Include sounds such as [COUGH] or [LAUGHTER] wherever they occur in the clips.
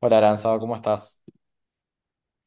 Hola, Aranzado, ¿cómo estás?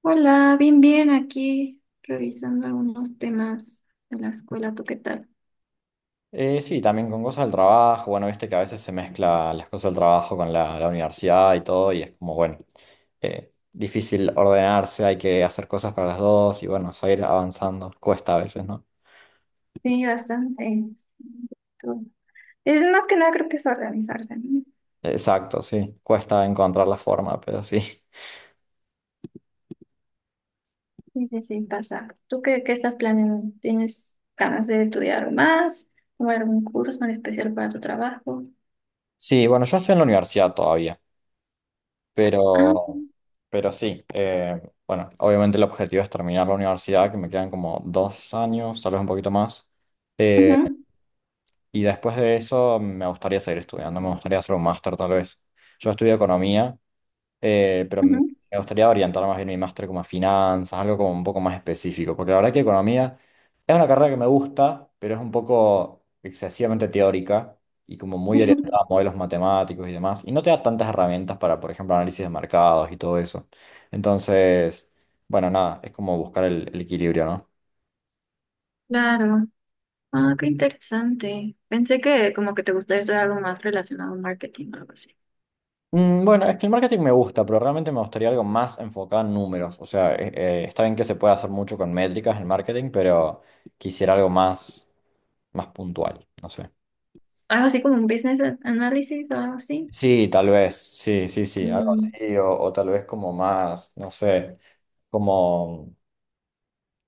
Hola, bien, bien, aquí revisando algunos temas de la escuela, ¿tú qué tal? Sí, también con cosas del trabajo. Bueno, viste que a veces se mezcla las cosas del trabajo con la universidad y todo, y es como, bueno, difícil ordenarse, hay que hacer cosas para las dos y bueno, seguir avanzando. Cuesta a veces, ¿no? Sí, bastante. Tú- Es más que nada creo que es organizarse, ¿no? Exacto, sí, cuesta encontrar la forma, pero sí. Sí, sí, sí, pasa. ¿Tú qué estás planeando? ¿Tienes ganas de estudiar algo más? ¿Tomar algún curso en especial para tu trabajo? Sí, bueno, yo estoy en la universidad todavía, Ah, pero, pero sí, bueno, obviamente el objetivo es terminar la universidad, que me quedan como dos años, tal vez un poquito más. ujú, Eh, Y después de eso me gustaría seguir estudiando, me gustaría hacer un máster tal vez. Yo estudio economía, pero ujú. me gustaría orientar más bien mi máster como a finanzas, algo como un poco más específico, porque la verdad que economía es una carrera que me gusta, pero es un poco excesivamente teórica y como muy orientada a [LAUGHS] modelos matemáticos y demás, y no te da tantas herramientas para, por ejemplo, análisis de mercados y todo eso. Entonces, bueno, nada, es como buscar el equilibrio, ¿no? Claro. Ah, qué interesante. Pensé que como que te gustaría estudiar algo más relacionado a marketing o algo así. Mm, bueno, es que el marketing me gusta, pero realmente me gustaría algo más enfocado en números. O sea, está bien que se puede hacer mucho con métricas en marketing, pero quisiera algo más, más puntual, no sé. Algo así como un business analysis o algo así. Sí, tal vez, sí, sí, sí, algo Mm. así, o tal vez como más, no sé, como,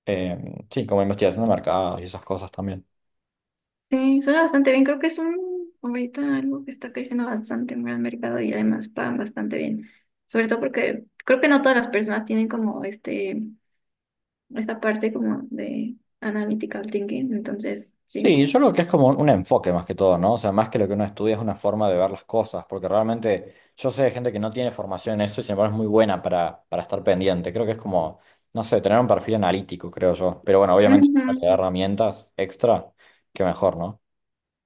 sí, como investigación de mercados y esas cosas también. Sí, suena bastante bien. Creo que es un ahorita algo que está creciendo bastante en el mercado y además pagan bastante bien. Sobre todo porque creo que no todas las personas tienen como esta parte como de analytical thinking. Entonces, sí. Sí, yo creo que es como un enfoque más que todo, ¿no? O sea, más que lo que uno estudia es una forma de ver las cosas, porque realmente yo sé de gente que no tiene formación en eso y sin embargo es muy buena para estar pendiente. Creo que es como, no sé, tener un perfil analítico, creo yo. Pero bueno, [LAUGHS] obviamente si uno le da Ujú, herramientas extra, que mejor, ¿no?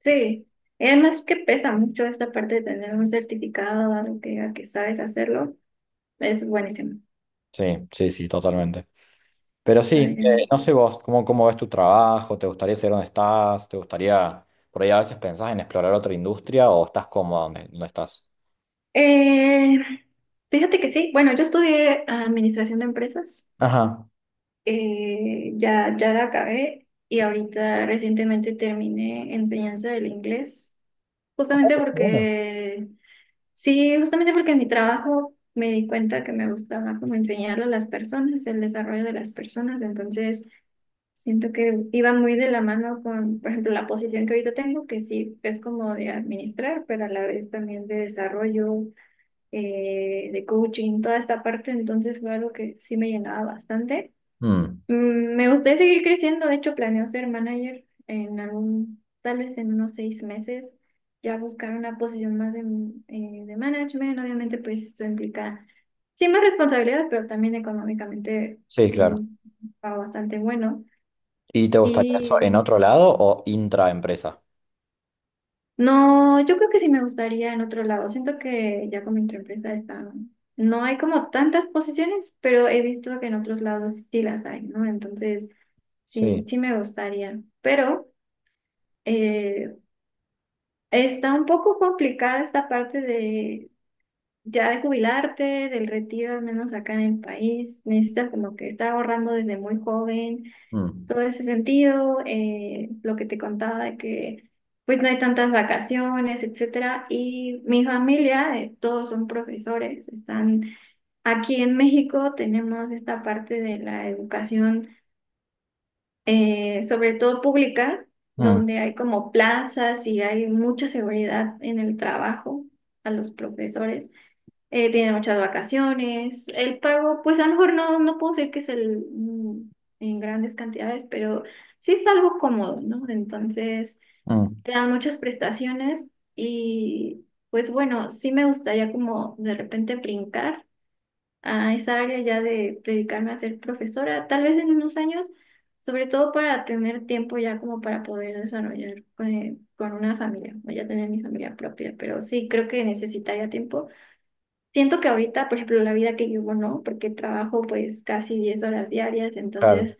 sí. Y además que pesa mucho esta parte de tener un certificado, algo que diga que sabes hacerlo. Es buenísimo. Sí, sí, sí, totalmente. Pero sí, Vayan. no sé vos, ¿cómo, cómo ves tu trabajo? ¿Te gustaría saber dónde estás? ¿Te gustaría, por ahí a veces pensás en explorar otra industria o estás cómodo donde, donde estás? Eh, Fíjate que sí. Bueno, yo estudié administración de empresas. Ajá. Ya la acabé y ahorita recientemente terminé enseñanza del inglés, Oh, justamente qué bueno. porque, sí, justamente porque en mi trabajo me di cuenta que me gustaba como enseñarle a las personas, el desarrollo de las personas, entonces siento que iba muy de la mano con, por ejemplo, la posición que ahorita tengo, que sí es como de administrar, pero a la vez también de desarrollo, de coaching, toda esta parte, entonces fue algo que sí me llenaba bastante. Mm, Mm, me gustaría seguir creciendo, de hecho planeo ser manager en algún, tal vez en unos 6 meses, ya buscar una posición más de management, obviamente pues esto implica sí más responsabilidades, pero también económicamente sí, mm, claro. va bastante bueno. ¿Y te gustaría eso en Y otro lado o intraempresa? no, yo creo que sí me gustaría en otro lado, siento que ya con mi empresa está, no hay como tantas posiciones, pero he visto que en otros lados sí las hay, ¿no? Entonces sí, Sí. sí me gustaría, pero... Eh, está un poco complicada esta parte de ya de jubilarte, del retiro, al menos acá en el país. Necesitas como que estar ahorrando desde muy joven, Mm, todo ese sentido, lo que te contaba de que pues no hay tantas vacaciones, etcétera. Y mi familia, todos son profesores, están aquí en México, tenemos esta parte de la educación sobre todo pública, mm, donde hay como plazas y hay mucha seguridad en el trabajo a los profesores. Tienen muchas vacaciones. El pago, pues a lo mejor no, no puedo decir que es el, mm, en grandes cantidades, pero sí es algo cómodo, ¿no? Entonces, mm, te dan muchas prestaciones y pues bueno, sí me gustaría como de repente brincar a esa área ya de dedicarme a ser profesora, tal vez en unos años, sobre todo para tener tiempo ya como para poder desarrollar con una familia, o ya tener mi familia propia, pero sí creo que necesitaría tiempo. Siento que ahorita, por ejemplo, la vida que llevo, no, porque trabajo pues casi 10 horas diarias, claro. entonces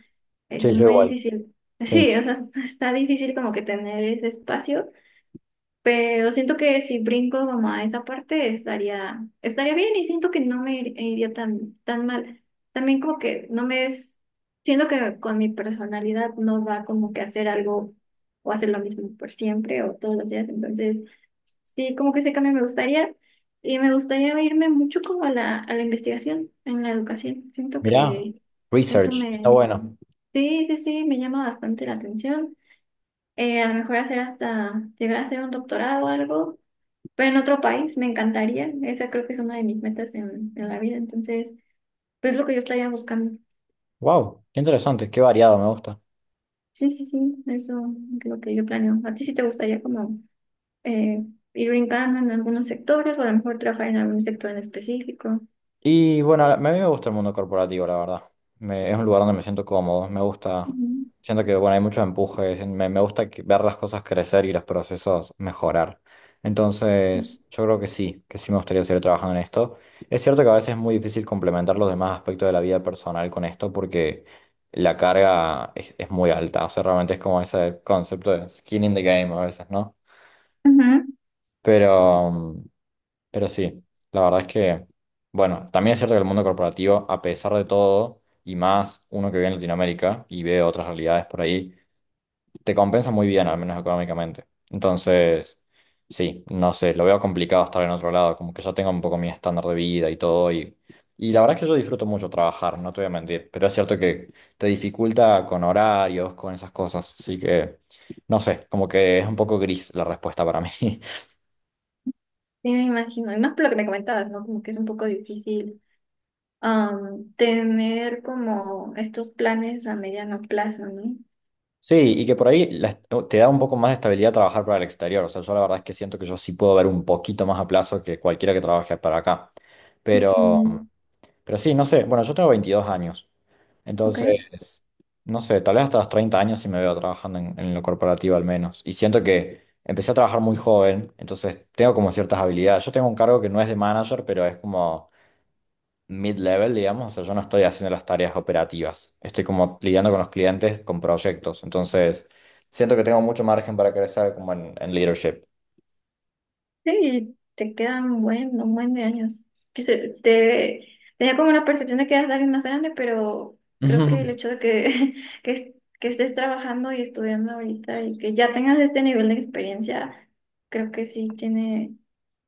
es Sí, yo muy igual. difícil. Sí. Sí, o sea, [LAUGHS] está difícil como que tener ese espacio pero siento que si brinco como a esa parte estaría bien y siento que no iría tan, tan mal. También como que no me es, siento que con mi personalidad no va como que hacer algo o hacer lo mismo por siempre o todos los días. Entonces, sí, como que ese cambio me gustaría y me gustaría irme mucho como a a la investigación en la educación. Siento Mirá, que eso research. Está me, bueno. sí, sí, sí, me llama bastante la atención. A lo mejor hacer hasta llegar a hacer un doctorado o algo pero en otro país me encantaría. Esa creo que es una de mis metas en la vida. Entonces, pues es lo que yo estaría buscando. Wow, qué interesante, qué variado, me gusta. Sí, sí, sí, eso es lo que yo planeo. ¿A ti sí te gustaría como eh, ir brincando en algunos sectores o a lo mejor trabajar en algún sector en específico? Y bueno, a mí me gusta el mundo corporativo, la verdad. Me- es un lugar donde me siento cómodo, me gusta, Ujú. siento que bueno, hay mucho empuje, me gusta que- ver las cosas crecer y los procesos mejorar. Entonces, yo creo que sí me gustaría seguir trabajando en esto. Es cierto que a veces es muy difícil complementar los demás aspectos de la vida personal con esto porque la carga es muy alta, o sea, realmente es como ese concepto de skin in the game a veces, ¿no? Ujú. Pero, pero sí, la verdad es que, bueno, también es cierto que el mundo corporativo, a pesar de todo, y más uno que vive en Latinoamérica y ve otras realidades por ahí, te compensa muy bien, al menos económicamente. Entonces, sí, no sé, lo veo complicado estar en otro lado, como que ya tengo un poco mi estándar de vida y todo, y la verdad es que yo disfruto mucho trabajar, no te voy a mentir, pero es cierto que te dificulta con horarios, con esas cosas, así que, no sé, como que es un poco gris la respuesta para mí. Sí, me imagino. Y más por lo que me comentabas, ¿no? Como que es un poco difícil tener como estos planes a mediano plazo, ¿no? Sí, y que por ahí la est- oh, te da un poco más de estabilidad trabajar para el exterior. O sea, yo la verdad es que siento que yo sí puedo ver un poquito más a plazo que cualquiera que trabaje para acá. Pero, Mm, pero sí. No sé. Bueno, yo tengo 22 años. ok. Entonces, no sé, tal vez hasta los 30 años sí me veo trabajando en lo corporativo al menos. Y siento que empecé a trabajar muy joven, entonces tengo como ciertas habilidades. Yo tengo un cargo que no es de manager, pero es como mid-level, digamos, o sea, yo no estoy haciendo las tareas operativas, estoy como lidiando con los clientes, con proyectos, entonces siento que tengo mucho margen para crecer como en leadership. Sí, te quedan un buen de años. Te tenía como la percepción de que eras alguien más grande, pero creo que el hecho [LAUGHS] de [LAUGHS] que, es- que estés trabajando y estudiando ahorita y que ya tengas este nivel de experiencia, creo que sí tiene,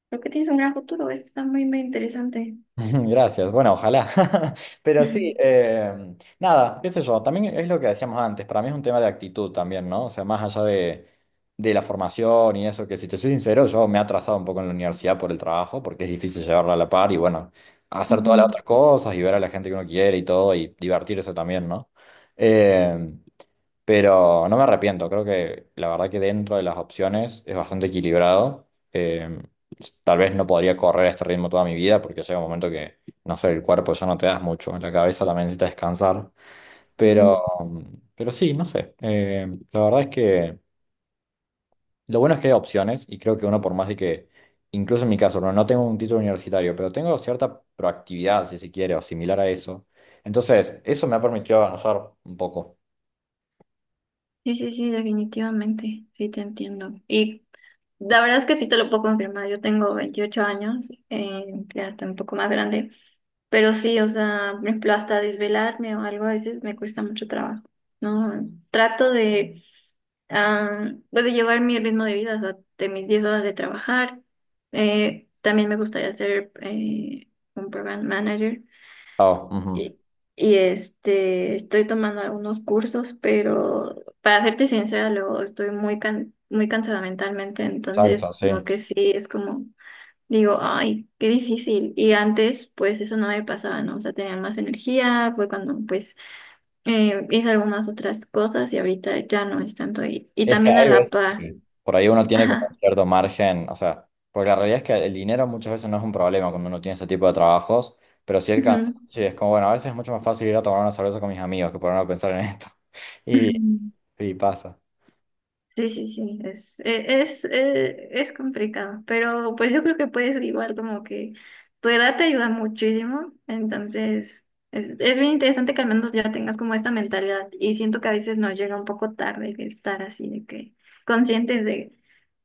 creo que tienes un gran futuro. Esto está muy, muy interesante. [LAUGHS] Gracias, bueno, ojalá. [LAUGHS] Pero sí, [LAUGHS] eh, nada, qué sé yo, también es lo que decíamos antes, para mí es un tema de actitud también, ¿no? O sea, más allá de la formación y eso, que si te soy sincero, yo me he atrasado un poco en la universidad por el trabajo, porque es difícil llevarla a la par y bueno, hacer todas Ujú, las otras cosas y ver a la gente que uno quiere y todo y divertirse también, ¿no? Em, pero no me arrepiento, creo que la verdad que dentro de las opciones es bastante equilibrado. Tal vez no podría correr a este ritmo toda mi vida porque llega un momento que, no sé, el cuerpo ya no te das mucho, la cabeza también necesita descansar. Pero, sí. pero sí. No sé. La verdad es que lo bueno es que hay opciones y creo que uno, por más de que, incluso en mi caso, no, no tengo un título universitario, pero tengo cierta proactividad, si se quiere, o similar a eso. Entonces, eso me ha permitido avanzar un poco. Sí, sí, sí, definitivamente, sí te entiendo. Y la verdad es que sí te lo puedo confirmar. Yo tengo 28 años, ya estoy un poco más grande, pero sí, o sea, por ejemplo, hasta desvelarme o algo a veces me cuesta mucho trabajo, ¿no? Ah, pues, de llevar mi ritmo de vida, o sea, de mis 10 horas de trabajar. También me gustaría ser un program manager, Ah, ujú. y, este, estoy tomando algunos cursos, pero para serte sincera, luego estoy muy cansada mentalmente, Exacto, entonces lo sí. que sí es como, digo, ay, qué difícil. Y antes, pues eso no me pasaba, ¿no? O sea, tenía más energía, fue cuando pues hice algunas otras cosas y ahorita ya no es tanto. Y Es que también a hay la veces par. que por ahí uno tiene como Ajá. cierto margen, o sea, porque la realidad es que el dinero muchas veces no es un problema cuando uno tiene ese tipo de trabajos, pero sí el Ujú. cansancio es como, bueno, a veces es mucho más fácil ir a tomar una cerveza con mis amigos que ponerme a pensar en esto. [LAUGHS] Y, [LAUGHS] y pasa. Sí, sí, sí, es complicado, pero pues yo creo que puedes igual como que tu edad te ayuda muchísimo, entonces es bien interesante que al menos ya tengas como esta mentalidad y siento que a veces nos llega un poco tarde que estar así de que conscientes de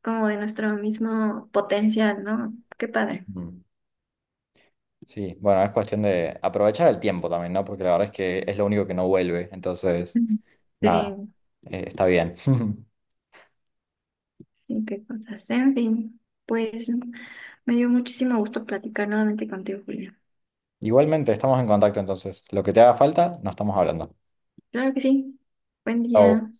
como de nuestro mismo potencial, ¿no? Qué padre. Mm. Sí, bueno, es cuestión de aprovechar el tiempo también, ¿no? Porque la verdad es que es lo único que no vuelve, entonces, Mm. nada, Sí, está bien. [LAUGHS] sí, qué cosas. En fin, pues me dio muchísimo gusto platicar nuevamente contigo, Julia. Igualmente, estamos en contacto, entonces, lo que te haga falta, nos estamos hablando. Claro que sí. Buen Chau. día.